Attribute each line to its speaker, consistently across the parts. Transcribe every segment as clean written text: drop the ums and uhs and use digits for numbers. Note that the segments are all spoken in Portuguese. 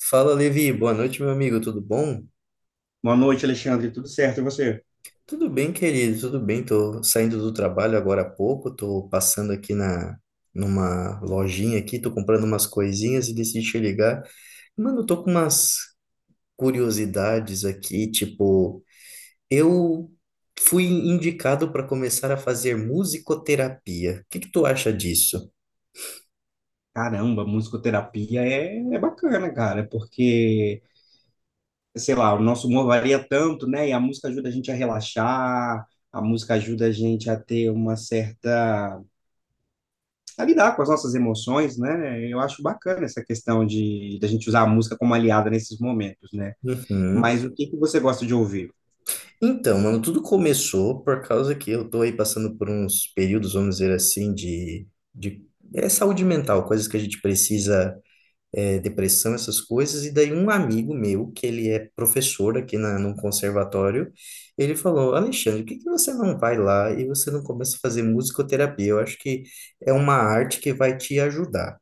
Speaker 1: Fala, Levi. Boa noite, meu amigo. Tudo bom?
Speaker 2: Boa noite, Alexandre. Tudo certo? E você?
Speaker 1: Tudo bem, querido. Tudo bem. Tô saindo do trabalho agora há pouco. Tô passando aqui na numa lojinha aqui, tô comprando umas coisinhas e decidi te ligar. Mano, eu tô com umas curiosidades aqui, tipo, eu fui indicado para começar a fazer musicoterapia. O que que tu acha disso?
Speaker 2: Caramba, musicoterapia é bacana, cara, porque, sei lá, o nosso humor varia tanto, né? E a música ajuda a gente a relaxar, a música ajuda a gente a ter uma certa. A lidar com as nossas emoções, né? Eu acho bacana essa questão de da gente usar a música como aliada nesses momentos, né?
Speaker 1: Uhum.
Speaker 2: Mas o que que você gosta de ouvir?
Speaker 1: Então, mano, tudo começou por causa que eu tô aí passando por uns períodos, vamos dizer assim, de saúde mental, coisas que a gente precisa, depressão, essas coisas. E daí um amigo meu, que ele é professor aqui na, num conservatório, ele falou, Alexandre, por que que você não vai lá e você não começa a fazer musicoterapia? Eu acho que é uma arte que vai te ajudar.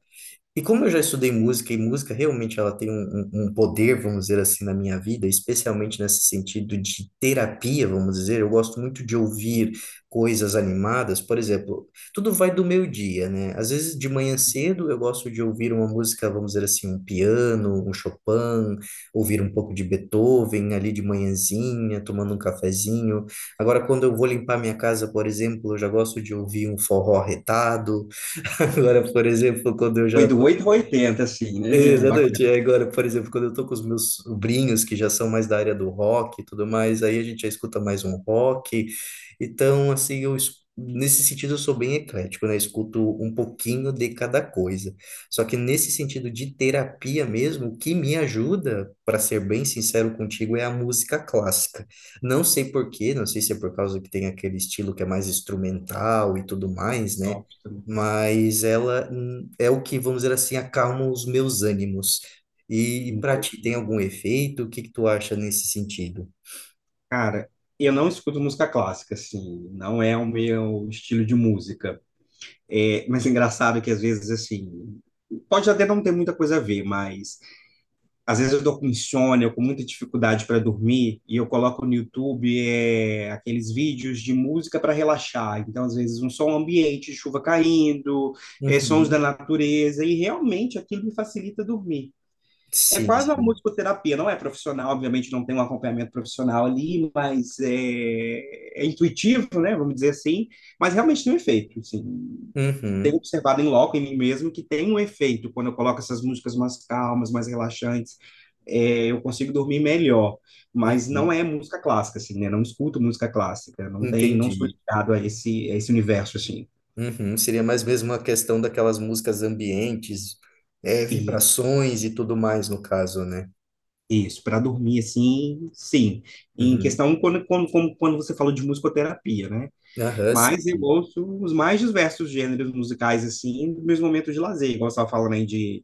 Speaker 1: E como eu já estudei música, e música realmente ela tem um, um poder, vamos dizer assim, na minha vida, especialmente nesse sentido de terapia, vamos dizer, eu gosto muito de ouvir coisas animadas, por exemplo, tudo vai do meu dia, né? Às vezes de manhã cedo eu gosto de ouvir uma música, vamos dizer assim, um piano, um Chopin, ouvir um pouco de Beethoven ali de manhãzinha, tomando um cafezinho. Agora, quando eu vou limpar minha casa, por exemplo, eu já gosto de ouvir um forró retado. Agora, por exemplo, quando eu
Speaker 2: Foi
Speaker 1: já
Speaker 2: do 8 ao 80, assim, né?
Speaker 1: Exatamente.
Speaker 2: Bacana,
Speaker 1: E agora, por exemplo, quando eu tô com os meus sobrinhos, que já são mais da área do rock e tudo mais, aí a gente já escuta mais um rock. Então, assim, eu, nesse sentido eu sou bem eclético, né? Eu escuto um pouquinho de cada coisa. Só que nesse sentido de terapia mesmo, o que me ajuda, para ser bem sincero contigo, é a música clássica. Não sei por quê, não sei se é por causa que tem aquele estilo que é mais instrumental e tudo mais, né?
Speaker 2: só também.
Speaker 1: Mas ela é o que, vamos dizer assim, acalma os meus ânimos. E para ti, tem algum efeito? O que que tu acha nesse sentido?
Speaker 2: Cara, eu não escuto música clássica, assim, não é o meu estilo de música. É, mas é engraçado que às vezes, assim, pode até não ter muita coisa a ver, mas às vezes eu tô com insônia, eu com muita dificuldade para dormir, e eu coloco no YouTube aqueles vídeos de música para relaxar. Então, às vezes, um som ambiente, chuva caindo, sons da
Speaker 1: Uhum.
Speaker 2: natureza, e realmente aquilo me facilita dormir. É
Speaker 1: Sim,
Speaker 2: quase uma
Speaker 1: sim.
Speaker 2: musicoterapia, não é profissional, obviamente não tem um acompanhamento profissional ali, mas é intuitivo, né? Vamos dizer assim, mas realmente tem um efeito, assim. Tenho
Speaker 1: Uhum,
Speaker 2: observado em loco, em mim mesmo, que tem um efeito quando eu coloco essas músicas mais calmas, mais relaxantes, eu consigo dormir melhor, mas não
Speaker 1: uhum.
Speaker 2: é música clássica, assim, né? Não escuto música clássica, não tem, não sou
Speaker 1: Entendi.
Speaker 2: ligado a a esse universo, assim.
Speaker 1: Uhum. Seria mais mesmo uma questão daquelas músicas ambientes,
Speaker 2: E
Speaker 1: vibrações e tudo mais, no caso, né?
Speaker 2: isso, para dormir, assim, sim. Em
Speaker 1: Uhum.
Speaker 2: questão, quando você falou de musicoterapia, né?
Speaker 1: Aham, sim,
Speaker 2: Mas eu
Speaker 1: sim.
Speaker 2: ouço os mais diversos gêneros musicais, assim, nos meus momentos de lazer. Igual você estava falando aí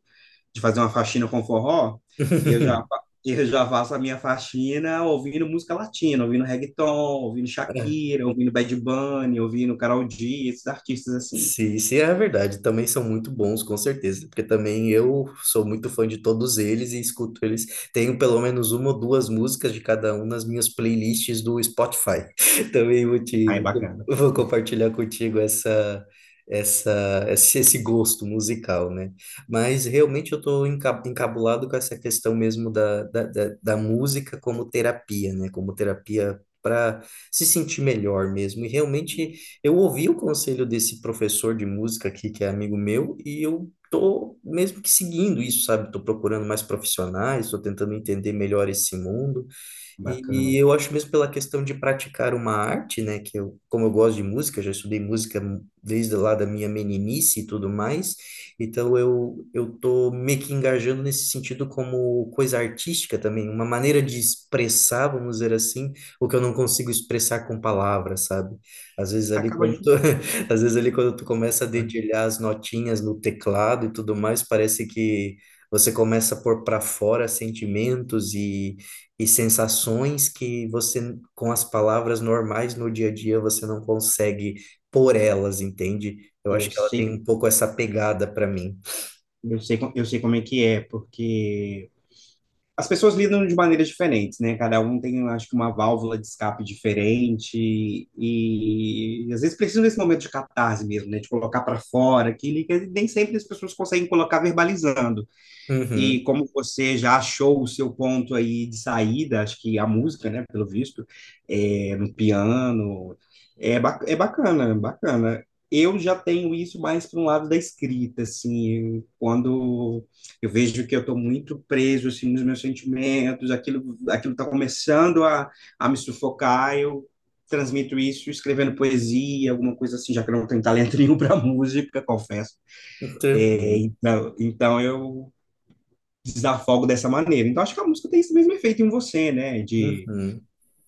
Speaker 2: de fazer uma faxina com forró, eu já faço a minha faxina ouvindo música latina, ouvindo reggaeton, ouvindo
Speaker 1: Aham,
Speaker 2: Shakira, ouvindo Bad Bunny, ouvindo Karol G, esses artistas assim.
Speaker 1: se é verdade, também são muito bons, com certeza, porque também eu sou muito fã de todos eles e escuto eles. Tenho pelo menos uma ou duas músicas de cada um nas minhas playlists do Spotify. Também vou te,
Speaker 2: Aí, bacana,
Speaker 1: vou compartilhar contigo essa, esse gosto musical, né? Mas realmente eu estou encabulado com essa questão mesmo da música como terapia, né? Como terapia para se sentir melhor mesmo. E realmente. Eu ouvi o conselho desse professor de música aqui, que é amigo meu, e eu tô mesmo que seguindo isso, sabe? Tô procurando mais profissionais, tô tentando entender melhor esse mundo. E
Speaker 2: bacana.
Speaker 1: eu acho mesmo pela questão de praticar uma arte, né, que eu, como eu gosto de música, já estudei música desde lá da minha meninice e tudo mais, então eu tô meio que engajando nesse sentido como coisa artística também, uma maneira de expressar, vamos dizer assim, o que eu não consigo expressar com palavras, sabe? Às vezes ali
Speaker 2: Acaba...
Speaker 1: quando tu,
Speaker 2: ju-
Speaker 1: às vezes ali quando tu começa a dedilhar as notinhas no teclado e tudo mais, parece que você começa a pôr para fora sentimentos e sensações que você, com as palavras normais no dia a dia, você não consegue por elas, entende? Eu acho
Speaker 2: Eu
Speaker 1: que ela tem um
Speaker 2: sei,
Speaker 1: pouco essa pegada para mim.
Speaker 2: eu sei como é que é, porque... as pessoas lidam de maneiras diferentes, né? Cada um tem, eu acho que, uma válvula de escape diferente e, às vezes precisa desse momento de catarse mesmo, né? De colocar para fora aquilo que nem sempre as pessoas conseguem colocar verbalizando. E
Speaker 1: Uhum,
Speaker 2: como você já achou o seu ponto aí de saída, acho que a música, né, pelo visto, é, no piano, é bacana, bacana. Eu já tenho isso mais para um lado da escrita, assim, quando eu vejo que eu estou muito preso, assim, nos meus sentimentos, aquilo está começando a me sufocar, eu transmito isso escrevendo poesia, alguma coisa assim, já que eu não tenho talento nenhum para música, confesso. É,
Speaker 1: tranquilo.
Speaker 2: então eu desafogo dessa maneira. Então, acho que a música tem esse mesmo efeito em você, né?
Speaker 1: Uhum.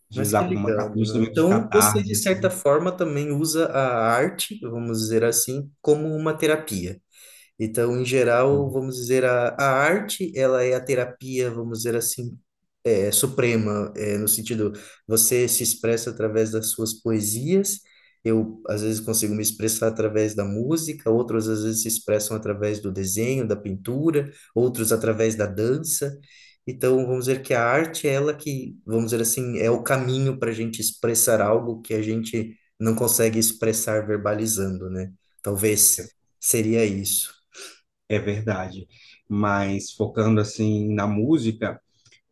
Speaker 2: De
Speaker 1: Mas que
Speaker 2: usar como uma,
Speaker 1: legal,
Speaker 2: um
Speaker 1: mano.
Speaker 2: instrumento de
Speaker 1: Então, você, de
Speaker 2: catarse,
Speaker 1: certa
Speaker 2: assim.
Speaker 1: forma, também usa a arte, vamos dizer assim, como uma terapia. Então, em geral, vamos dizer, a arte, ela é a terapia, vamos dizer assim, suprema, no sentido, você se expressa através das suas poesias, eu, às vezes, consigo me expressar através da música, outros, às vezes, se expressam através do desenho, da pintura, outros através da dança. Então, vamos dizer que a arte é ela que, vamos dizer assim, é o caminho para a gente expressar algo que a gente não consegue expressar verbalizando, né? Talvez
Speaker 2: É,
Speaker 1: seria isso.
Speaker 2: é verdade. Mas focando, assim, na música,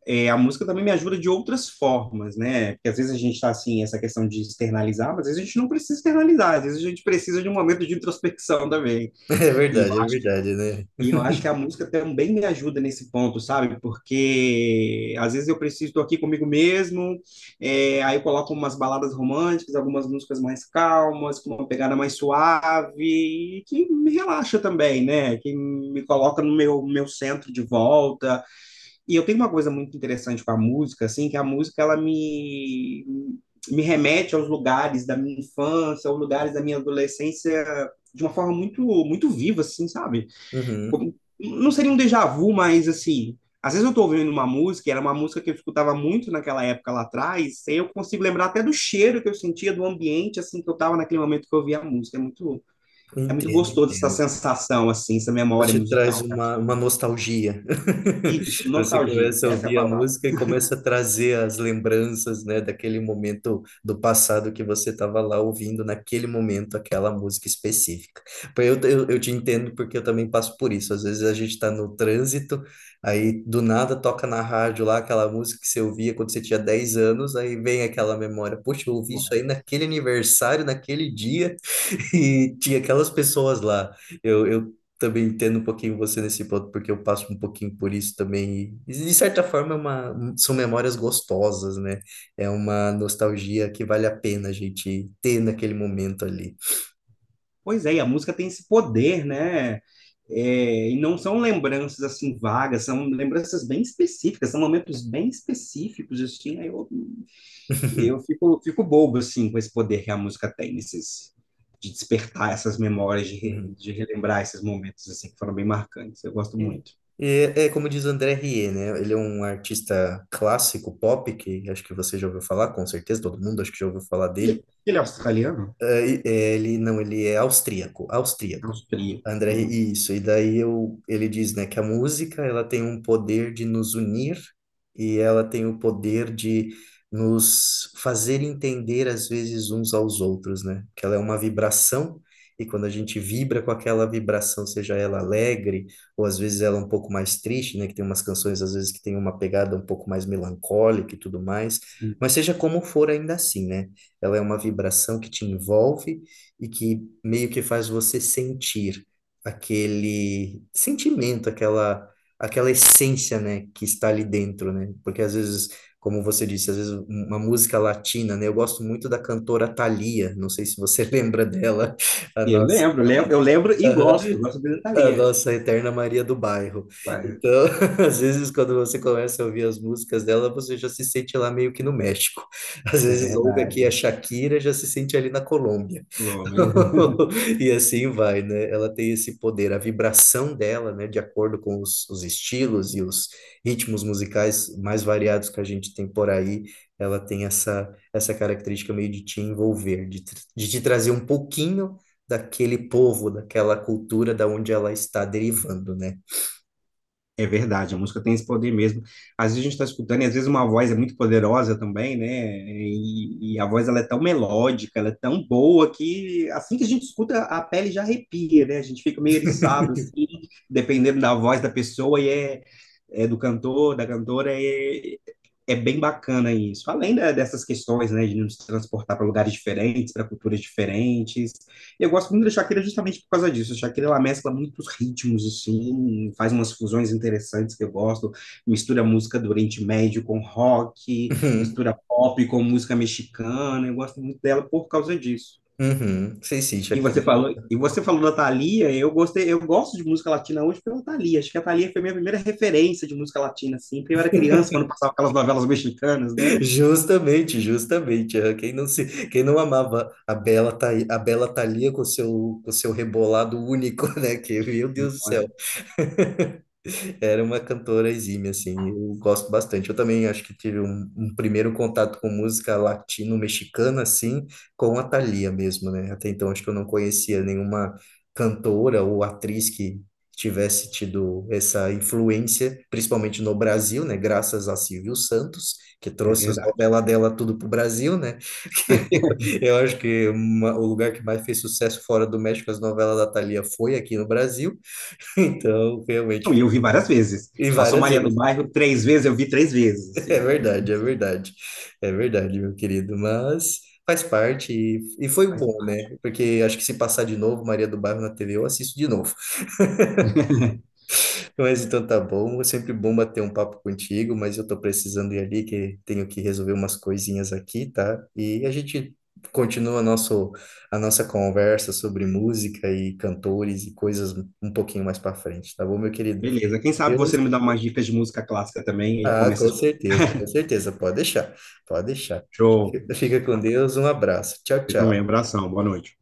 Speaker 2: é, a música também me ajuda de outras formas, né? Porque às vezes a gente está assim, essa questão de externalizar, mas às vezes a gente não precisa externalizar, às vezes a gente precisa de um momento de introspecção também. E eu
Speaker 1: É
Speaker 2: acho,
Speaker 1: verdade, né?
Speaker 2: E eu acho que a música também me ajuda nesse ponto, sabe? Porque às vezes eu preciso, estou aqui comigo mesmo, é, aí eu coloco umas baladas românticas, algumas músicas mais calmas, com uma pegada mais suave, e que me relaxa também, né? Que me coloca no meu centro de volta. E eu tenho uma coisa muito interessante com a música, assim, que a música, ela me... Me remete aos lugares da minha infância, aos lugares da minha adolescência de uma forma muito viva, assim, sabe?
Speaker 1: Uhum,
Speaker 2: Como- não seria um déjà vu, mas assim, às vezes eu tô ouvindo uma música, e era uma música que eu escutava muito naquela época lá atrás, e aí eu consigo lembrar até do cheiro que eu sentia, do ambiente, assim, que eu tava naquele momento que eu ouvia a música. É muito
Speaker 1: entendo,
Speaker 2: gostoso essa
Speaker 1: entendo.
Speaker 2: sensação, assim, essa
Speaker 1: Ela
Speaker 2: memória
Speaker 1: te traz
Speaker 2: musical. Tá aqui.
Speaker 1: uma nostalgia.
Speaker 2: Isso,
Speaker 1: Você
Speaker 2: nostalgia,
Speaker 1: começa a
Speaker 2: essa é a
Speaker 1: ouvir a
Speaker 2: palavra.
Speaker 1: música e começa a trazer as lembranças, né, daquele momento do passado que você estava lá ouvindo naquele momento aquela música específica. Pô, eu, eu te entendo porque eu também passo por isso. Às vezes a gente está no trânsito, aí do nada toca na rádio lá aquela música que você ouvia quando você tinha 10 anos, aí vem aquela memória. Poxa, eu ouvi isso aí naquele aniversário, naquele dia. E tinha aquelas pessoas lá. Eu também entendo um pouquinho você nesse ponto, porque eu passo um pouquinho por isso também. E, de certa forma, é uma, são memórias gostosas, né? É uma nostalgia que vale a pena a gente ter naquele momento ali.
Speaker 2: Pois é, e a música tem esse poder, né? É, e não são lembranças assim vagas, são lembranças bem específicas, são momentos bem específicos, assim, aí eu Eu fico, fico bobo, assim, com esse poder que a música tem, nesses, de despertar essas memórias,
Speaker 1: Uhum.
Speaker 2: de relembrar esses momentos, assim, que foram bem marcantes. Eu gosto
Speaker 1: E,
Speaker 2: muito.
Speaker 1: e é, é como diz o André Rie, né? Ele é um artista clássico pop, que acho que você já ouviu falar, com certeza, todo mundo acho que já ouviu falar dele.
Speaker 2: E ele é australiano?
Speaker 1: Ele não, ele é austríaco, austríaco.
Speaker 2: Austríaco.
Speaker 1: André, isso. E daí eu, ele diz, né, que a música ela tem um poder de nos unir e ela tem o poder de nos fazer entender às vezes uns aos outros, né? Que ela é uma vibração e quando a gente vibra com aquela vibração, seja ela alegre ou às vezes ela um pouco mais triste, né? Que tem umas canções às vezes que tem uma pegada um pouco mais melancólica e tudo mais,
Speaker 2: Sim.
Speaker 1: mas seja como for ainda assim, né? Ela é uma vibração que te envolve e que meio que faz você sentir aquele sentimento, aquela aquela essência, né, que está ali dentro, né? Porque às vezes, como você disse, às vezes uma música latina, né? Eu gosto muito da cantora Thalia, não sei se você lembra dela, a
Speaker 2: E Eu
Speaker 1: nossa
Speaker 2: lembro, eu lembro, eu lembro e gosto dele da
Speaker 1: a
Speaker 2: Thalia.
Speaker 1: nossa eterna Maria do Bairro.
Speaker 2: Vai,
Speaker 1: Então, às vezes, quando você começa a ouvir as músicas dela, você já se sente lá meio que no México. Às
Speaker 2: é
Speaker 1: vezes, ouve aqui a
Speaker 2: verdade.
Speaker 1: Shakira, já se sente ali na Colômbia. E assim vai, né? Ela tem esse poder, a vibração dela, né? De acordo com os estilos e os ritmos musicais mais variados que a gente tem por aí, ela tem essa, essa característica meio de te envolver, de, de te trazer um pouquinho daquele povo, daquela cultura da onde ela está derivando, né?
Speaker 2: É verdade, a música tem esse poder mesmo. Às vezes a gente está escutando, e às vezes uma voz é muito poderosa também, né? E a voz ela é tão melódica, ela é tão boa que assim que a gente escuta, a pele já arrepia, né? A gente fica meio eriçado, assim, dependendo da voz da pessoa e é do cantor, da cantora, é bem bacana isso. Além dessas questões, né, de nos transportar para lugares diferentes, para culturas diferentes, eu gosto muito da Shakira justamente por causa disso. A Shakira ela mescla muitos ritmos, assim, faz umas fusões interessantes que eu gosto. Mistura música do Oriente Médio com rock,
Speaker 1: Uhum,
Speaker 2: mistura pop com música mexicana. Eu gosto muito dela por causa disso.
Speaker 1: uhum. Sei sim, Shakira.
Speaker 2: E você falou da Thalia, eu gostei, eu gosto de música latina hoje pela Thalia. Acho que a Thalia foi minha primeira referência de música latina, assim, porque eu era criança quando passava aquelas novelas mexicanas, né?
Speaker 1: Justamente, justamente. É. Quem não se, quem não amava a Bela, a Bela Thalia com seu rebolado único, né? Que, meu
Speaker 2: Não
Speaker 1: Deus do céu.
Speaker 2: é?
Speaker 1: Era uma cantora exímia, assim, eu gosto bastante. Eu também acho que tive um, um primeiro contato com música latino-mexicana, assim, com a Thalia mesmo, né? Até então acho que eu não conhecia nenhuma cantora ou atriz que tivesse tido essa influência, principalmente no Brasil, né? Graças a Silvio Santos, que
Speaker 2: É
Speaker 1: trouxe as
Speaker 2: verdade.
Speaker 1: novelas dela tudo pro Brasil, né? Eu acho que o lugar que mais fez sucesso fora do México, as novelas da Thalia, foi aqui no Brasil. Então,
Speaker 2: Não, e
Speaker 1: realmente.
Speaker 2: eu vi várias vezes.
Speaker 1: E
Speaker 2: Passou
Speaker 1: várias
Speaker 2: Maria do
Speaker 1: vezes.
Speaker 2: Bairro três vezes, eu vi três vezes.
Speaker 1: É
Speaker 2: Assim.
Speaker 1: verdade, é verdade. É verdade, meu querido. Mas faz parte e foi
Speaker 2: Faz
Speaker 1: bom,
Speaker 2: parte.
Speaker 1: né? Porque acho que se passar de novo Maria do Bairro na TV, eu assisto de novo. Mas então tá bom. É sempre bom bater um papo contigo, mas eu tô precisando ir ali, que tenho que resolver umas coisinhas aqui, tá? E a gente continua nosso, a nossa conversa sobre música e cantores e coisas um pouquinho mais pra frente, tá bom, meu querido?
Speaker 2: Beleza. Quem sabe você
Speaker 1: Deus.
Speaker 2: não me dá umas dicas de música clássica também e
Speaker 1: Ah,
Speaker 2: começa
Speaker 1: com
Speaker 2: a escutar.
Speaker 1: certeza, com certeza. Pode deixar, pode deixar.
Speaker 2: Show.
Speaker 1: Fica fica com Deus, um abraço. Tchau,
Speaker 2: Você também.
Speaker 1: tchau.
Speaker 2: Abração. Boa noite.